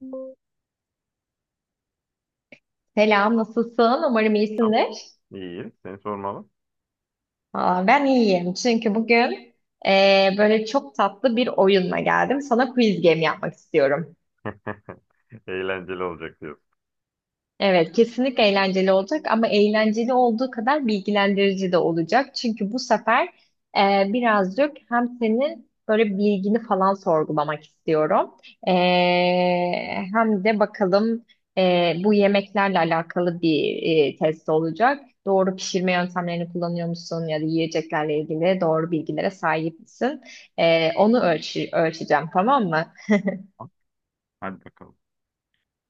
Tamam. Selam, nasılsın? Umarım iyisindir. İyi. Seni sormalı. Aa, ben iyiyim çünkü bugün böyle çok tatlı bir oyunla geldim. Sana quiz game yapmak istiyorum. Eğlenceli olacak diyorsun. Evet, kesinlikle eğlenceli olacak ama eğlenceli olduğu kadar bilgilendirici de olacak. Çünkü bu sefer birazcık hem senin böyle bilgini falan sorgulamak istiyorum. E, hem de bakalım bu yemeklerle alakalı bir test olacak. Doğru pişirme yöntemlerini kullanıyor musun ya da yiyeceklerle ilgili doğru bilgilere sahip misin? Onu ölçeceğim, tamam mı? Tamam, hadi bakalım.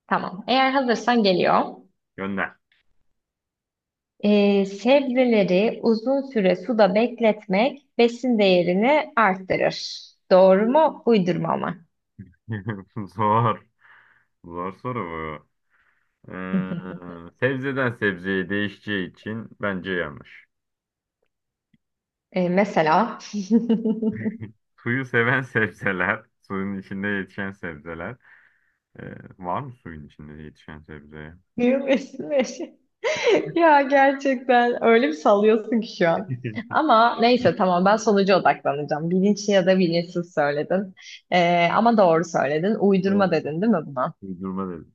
Tamam. Eğer hazırsan geliyor. Gönder. Sebzeleri uzun süre suda bekletmek besin değerini arttırır. Doğru mu? Uydurma mı? Zor. Zor soru bu. Sebzeden sebzeye değişeceği için bence yanlış. Mesela. Suyu seven sebzeler, suyun içinde yetişen sebzeler. Ee, Var mı suyun içinde yetişen sebzeye? Diyor besin. Ya gerçekten öyle bir sallıyorsun ki şu an. Biraz. Ama neyse, tamam, ben sonuca odaklanacağım. Bilinçli ya da bilinçsiz söyledin. Ama doğru söyledin. Uydurma dedin değil mi buna? Uydurma dedim.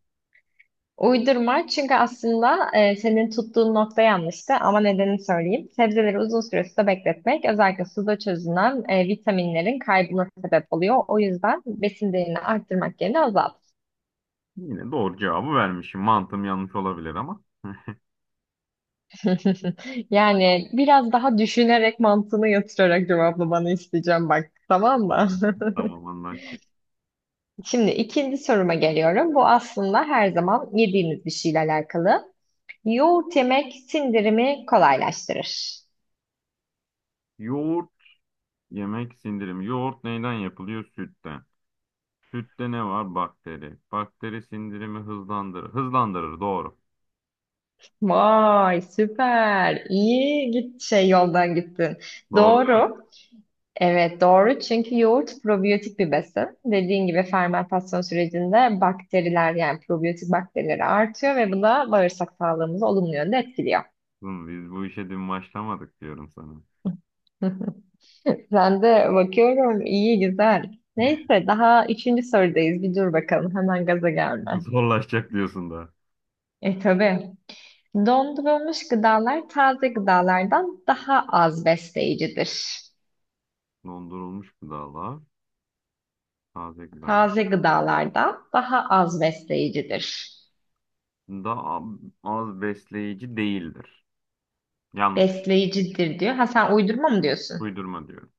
Uydurma, çünkü aslında senin tuttuğun nokta yanlıştı ama nedenini söyleyeyim. Sebzeleri uzun süre suda bekletmek, özellikle suda çözünen vitaminlerin kaybına sebep oluyor. O yüzden besin değerini arttırmak yerine azalt. Yine doğru cevabı vermişim. Mantığım yanlış olabilir ama. Yani biraz daha düşünerek, mantığını yatırarak cevaplamanı isteyeceğim, bak, tamam mı? Hmm. Tamam, anlaştık. Şimdi ikinci soruma geliyorum. Bu aslında her zaman yediğimiz bir şeyle alakalı. Yoğurt yemek sindirimi kolaylaştırır. Yoğurt yemek sindirimi. Yoğurt neyden yapılıyor? Sütten. Sütte ne var? Bakteri. Bakteri sindirimi hızlandırır. Hızlandırır. Doğru. Vay, süper. İyi git, şey, yoldan gittin. Doğru Doğru. Evet, doğru çünkü yoğurt probiyotik bir besin. Dediğin gibi fermentasyon sürecinde bakteriler, yani probiyotik bakterileri artıyor ve bu da bağırsak sağlığımızı olumlu yönde etkiliyor. diyorsun. Biz bu işe dün başlamadık diyorum sana. Ben de bakıyorum, iyi güzel. Neyse, daha üçüncü sorudayız. Bir dur bakalım, hemen gaza gelme. Zorlaşacak diyorsun da. E tabii. Dondurulmuş gıdalar taze gıdalardan daha az besleyicidir. Dondurulmuş gıdalar. Taze gıdalar. Taze gıdalardan daha az besleyicidir. Daha az besleyici değildir. Yanlış. Besleyicidir diyor. Ha, sen uydurma mı diyorsun? Uydurma diyorum.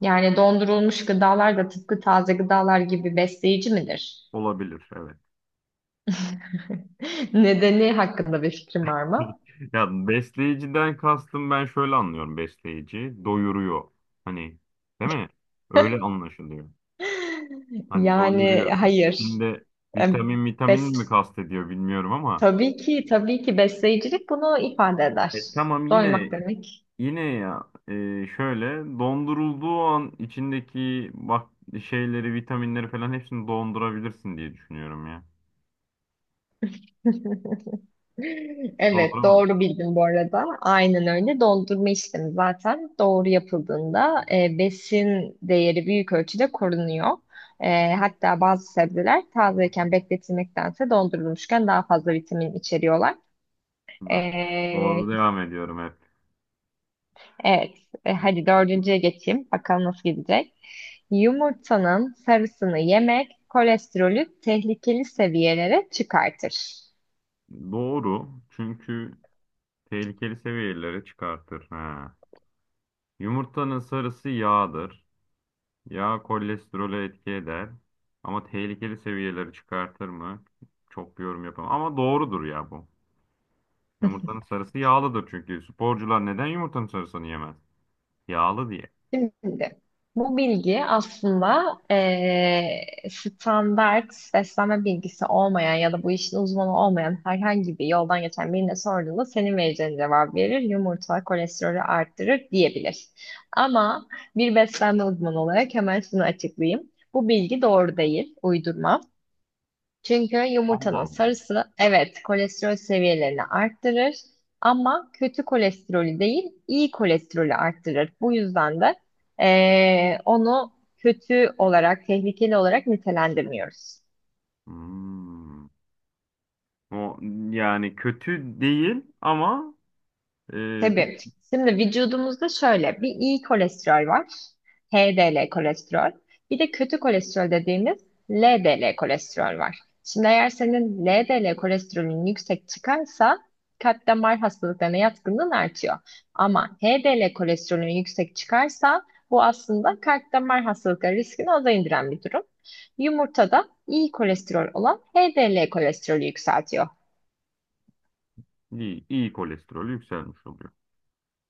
Yani dondurulmuş gıdalar da tıpkı taze gıdalar gibi besleyici midir? Olabilir. Evet. Nedeni hakkında bir fikrim var mı? Ya besleyiciden kastım, ben şöyle anlıyorum besleyici. Doyuruyor. Hani, değil mi? Öyle anlaşılıyor. Hani Yani doyuruyorsun. hayır. İçinde E, vitamin, vitamin mi Bes kastediyor bilmiyorum ama tabii ki tabii ki besleyicilik bunu ifade eder. e, tamam yine Doymak demek. yine ya e, şöyle dondurulduğu an içindeki bak şeyleri, vitaminleri falan hepsini dondurabilirsin diye düşünüyorum ya. Evet, Donduramaz. doğru bildin bu arada. Aynen öyle. Dondurma işlemi zaten doğru yapıldığında besin değeri büyük ölçüde korunuyor. Hatta bazı sebzeler tazeyken bekletilmektense, dondurulmuşken daha fazla vitamin içeriyorlar. Bak. E, Doğru devam ediyorum hep. Evet, hadi dördüncüye geçeyim. Bakalım nasıl gidecek. Yumurtanın sarısını yemek kolesterolü tehlikeli seviyelere çıkartır. Doğru. Çünkü tehlikeli seviyelere çıkartır. Ha. Yumurtanın sarısı yağdır. Yağ kolesterolü etki eder. Ama tehlikeli seviyeleri çıkartır mı? Çok bir yorum yapamam. Ama doğrudur ya bu. Yumurtanın sarısı yağlıdır çünkü. Sporcular neden yumurtanın sarısını yemez? Yağlı diye. Şimdi bu bilgi aslında standart beslenme bilgisi olmayan ya da bu işin uzmanı olmayan herhangi bir yoldan geçen birine sorduğunda senin vereceğin cevap verir. Yumurta kolesterolü arttırır diyebilir. Ama bir beslenme uzmanı olarak hemen şunu açıklayayım. Bu bilgi doğru değil, uydurma. Çünkü Allah yumurtanın Allah. sarısı, evet, kolesterol seviyelerini arttırır ama kötü kolesterolü değil, iyi kolesterolü arttırır. Bu yüzden de onu kötü olarak, tehlikeli olarak nitelendirmiyoruz. Hmm. O, yani kötü değil ama pek Tabii. Şimdi vücudumuzda şöyle bir iyi kolesterol var. HDL kolesterol. Bir de kötü kolesterol dediğimiz LDL kolesterol var. Şimdi eğer senin LDL kolesterolün yüksek çıkarsa kalp damar hastalıklarına yatkınlığın artıyor. Ama HDL kolesterolün yüksek çıkarsa bu aslında kalp damar hastalıkları riskini aza indiren bir durum. Yumurtada iyi kolesterol olan HDL kolesterolü yükseltiyor. iyi, iyi kolesterolü yükselmiş oluyor.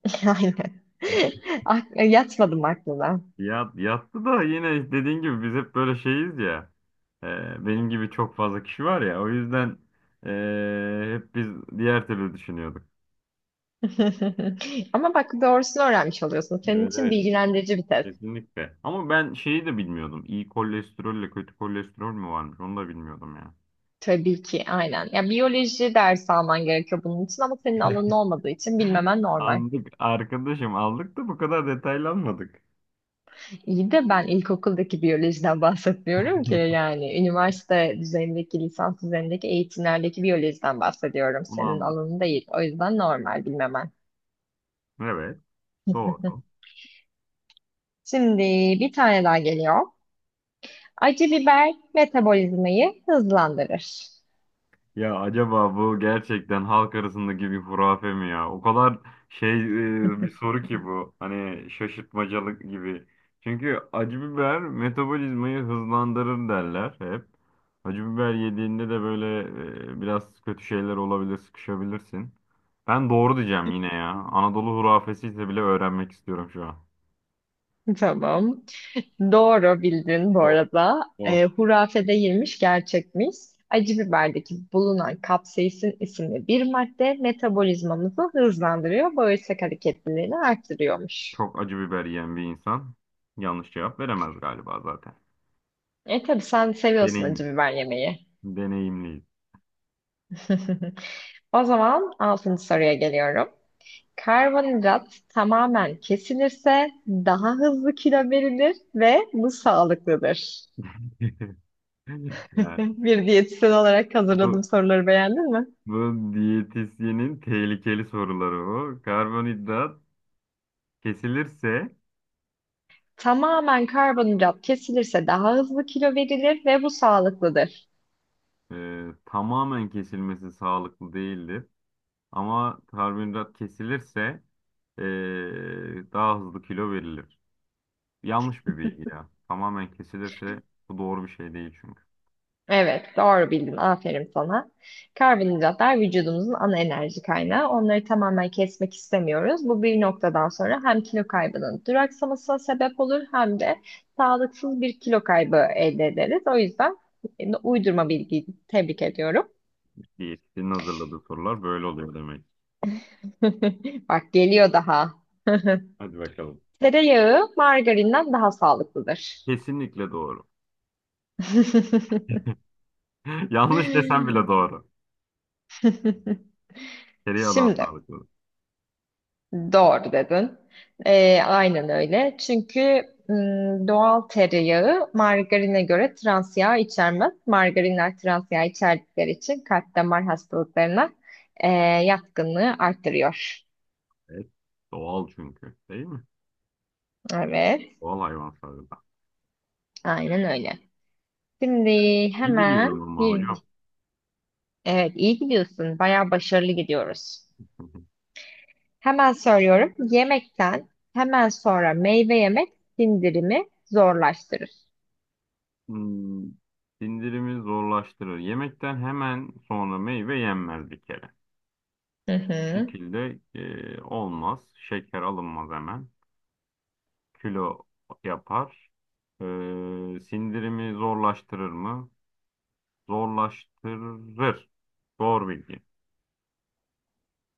Aynen. Yatmadım aklına. Ya, yattı da yine dediğin gibi biz hep böyle şeyiz ya. E, Benim gibi çok fazla kişi var ya. O yüzden hep biz diğer türlü düşünüyorduk. Ama bak, doğrusunu öğrenmiş oluyorsun. Senin Evet, için evet, bilgilendirici bir test. kesinlikle. Ama ben şeyi de bilmiyordum. İyi kolesterolle kötü kolesterol mü varmış? Onu da bilmiyordum ya. Tabii ki, aynen. Ya, biyoloji dersi alman gerekiyor bunun için ama senin alanın olmadığı için bilmemen normal. Aldık arkadaşım, aldık da bu kadar detaylanmadık. İyi de ben ilkokuldaki biyolojiden bahsetmiyorum ki, yani üniversite düzeyindeki, lisans düzeyindeki eğitimlerdeki biyolojiden bahsediyorum. Bunu Senin anlat. alanın değil. O yüzden normal bilmemen. Evet, doğru. Şimdi bir tane daha geliyor. Acı biber metabolizmayı hızlandırır. Ya acaba bu gerçekten halk arasındaki bir hurafe mi ya? O kadar şey, bir soru ki bu. Hani şaşırtmacalık gibi. Çünkü acı biber metabolizmayı hızlandırır derler hep. Acı biber yediğinde de böyle biraz kötü şeyler olabilir, sıkışabilirsin. Ben doğru diyeceğim yine ya. Anadolu hurafesi ise bile öğrenmek istiyorum şu an. Tamam. Doğru bildin bu Ol, arada. ol. Hurafede yirmiş gerçekmiş. Acı biberdeki bulunan kapsaisin isimli bir madde metabolizmamızı hızlandırıyor, bağırsak hareketliliğini arttırıyormuş. Çok acı biber yiyen bir insan yanlış cevap veremez galiba zaten. E tabii, sen seviyorsun acı Deneyim, biber yemeyi. deneyimliyiz. O zaman altıncı soruya geliyorum. Karbonhidrat tamamen kesilirse daha hızlı kilo verilir ve bu sağlıklıdır. Ya, Bir diyetisyen olarak bu hazırladığım soruları beğendin. bu diyetisyenin tehlikeli soruları o. Karbonhidrat kesilirse, Tamamen karbonhidrat kesilirse daha hızlı kilo verilir ve bu sağlıklıdır. Tamamen kesilmesi sağlıklı değildir. Ama karbonhidrat kesilirse e, daha hızlı kilo verilir. Yanlış bir bilgi ya. Tamamen kesilirse bu doğru bir şey değil çünkü. Evet, doğru bildin. Aferin sana. Karbonhidratlar vücudumuzun ana enerji kaynağı. Onları tamamen kesmek istemiyoruz. Bu bir noktadan sonra hem kilo kaybının duraksamasına sebep olur hem de sağlıksız bir kilo kaybı elde ederiz. O yüzden uydurma bilgiyi tebrik ediyorum. Diyetisyenin hazırladığı sorular böyle oluyor demek. Bak, geliyor daha. Hadi bakalım. Tereyağı margarinden daha sağlıklıdır. Kesinlikle doğru. Yanlış desem bile doğru. Tereyağı daha Şimdi sağlıklı. doğru dedin. Aynen öyle. Çünkü doğal tereyağı margarine göre trans yağ içermez. Margarinler trans yağ içerdikleri için kalp damar hastalıklarına e, yatkınlığı arttırıyor. Evet. Doğal çünkü. Değil mi? Evet, Doğal hayvansallık. aynen öyle. Şimdi İyi hemen biliyorum ama bir, hocam. evet, iyi gidiyorsun. Bayağı başarılı gidiyoruz. Hemen söylüyorum. Yemekten hemen sonra meyve yemek sindirimi zorlaştırır. Hmm, sindirimi zorlaştırır. Yemekten hemen sonra meyve yenmez bir kere. Hı Bu hı. şekilde olmaz. Şeker alınmaz hemen. Kilo yapar. E, Sindirimi zorlaştırır mı? Zorlaştırır. Doğru bilgi.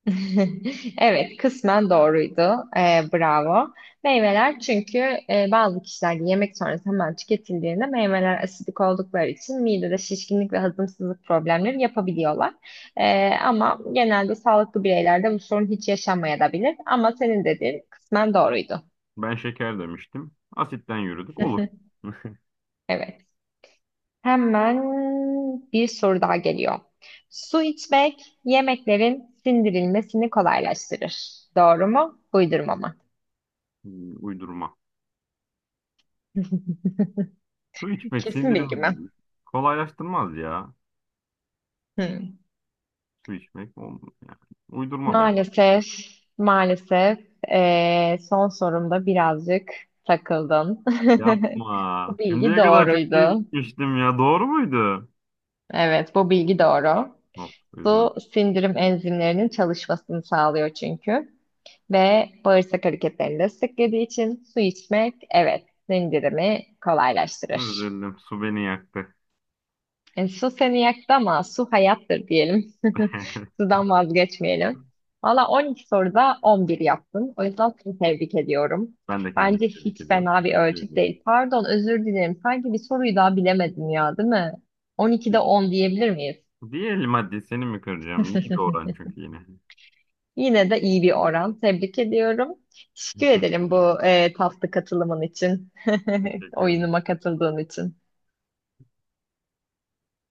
Evet, kısmen doğruydu. Bravo. Meyveler çünkü bazı kişilerde yemek sonrası hemen tüketildiğinde meyveler asidik oldukları için midede şişkinlik ve hazımsızlık problemleri yapabiliyorlar. Ama genelde sağlıklı bireylerde bu sorun hiç yaşanmayabilir. Ama senin dediğin kısmen doğruydu. Ben şeker demiştim. Asitten yürüdük. Olur. Evet. Hemen bir soru daha geliyor. Su içmek yemeklerin sindirilmesini kolaylaştırır. Doğru mu? Uydurma mı? Uydurma. Su içmek Kesin bilgi mi? sindirimi kolaylaştırmaz ya. Hmm. Su içmek olmuyor yani. Uydurma ben. Maalesef, maalesef, son sorumda birazcık takıldın. Yapma. Bu bilgi Şimdiye kadar çok iyi doğruydu. gitmiştim ya. Doğru muydu? Evet, bu bilgi doğru. Of, üzüldüm. Su sindirim enzimlerinin çalışmasını sağlıyor çünkü. Ve bağırsak hareketlerini desteklediği için su içmek, evet, sindirimi kolaylaştırır. Üzüldüm. Su beni yaktı. Su seni yaktı ama su hayattır diyelim. Sudan vazgeçmeyelim. Valla 12 soruda 11 yaptın. O yüzden seni tebrik ediyorum. Ben de kendimi Bence tebrik hiç ediyorum. fena bir Teşekkür ölçüt ediyorum. değil. Pardon, özür dilerim. Sanki bir soruyu daha bilemedin ya, değil mi? 12'de 10 diyebilir miyiz? Diğer madde seni mi kıracağım? İyi bir oran çünkü yine. Yine de iyi bir oran. Tebrik ediyorum. Teşekkür Teşekkür ederim ederim. bu tatlı katılımın için. Teşekkür ederim. Oyunuma katıldığın için.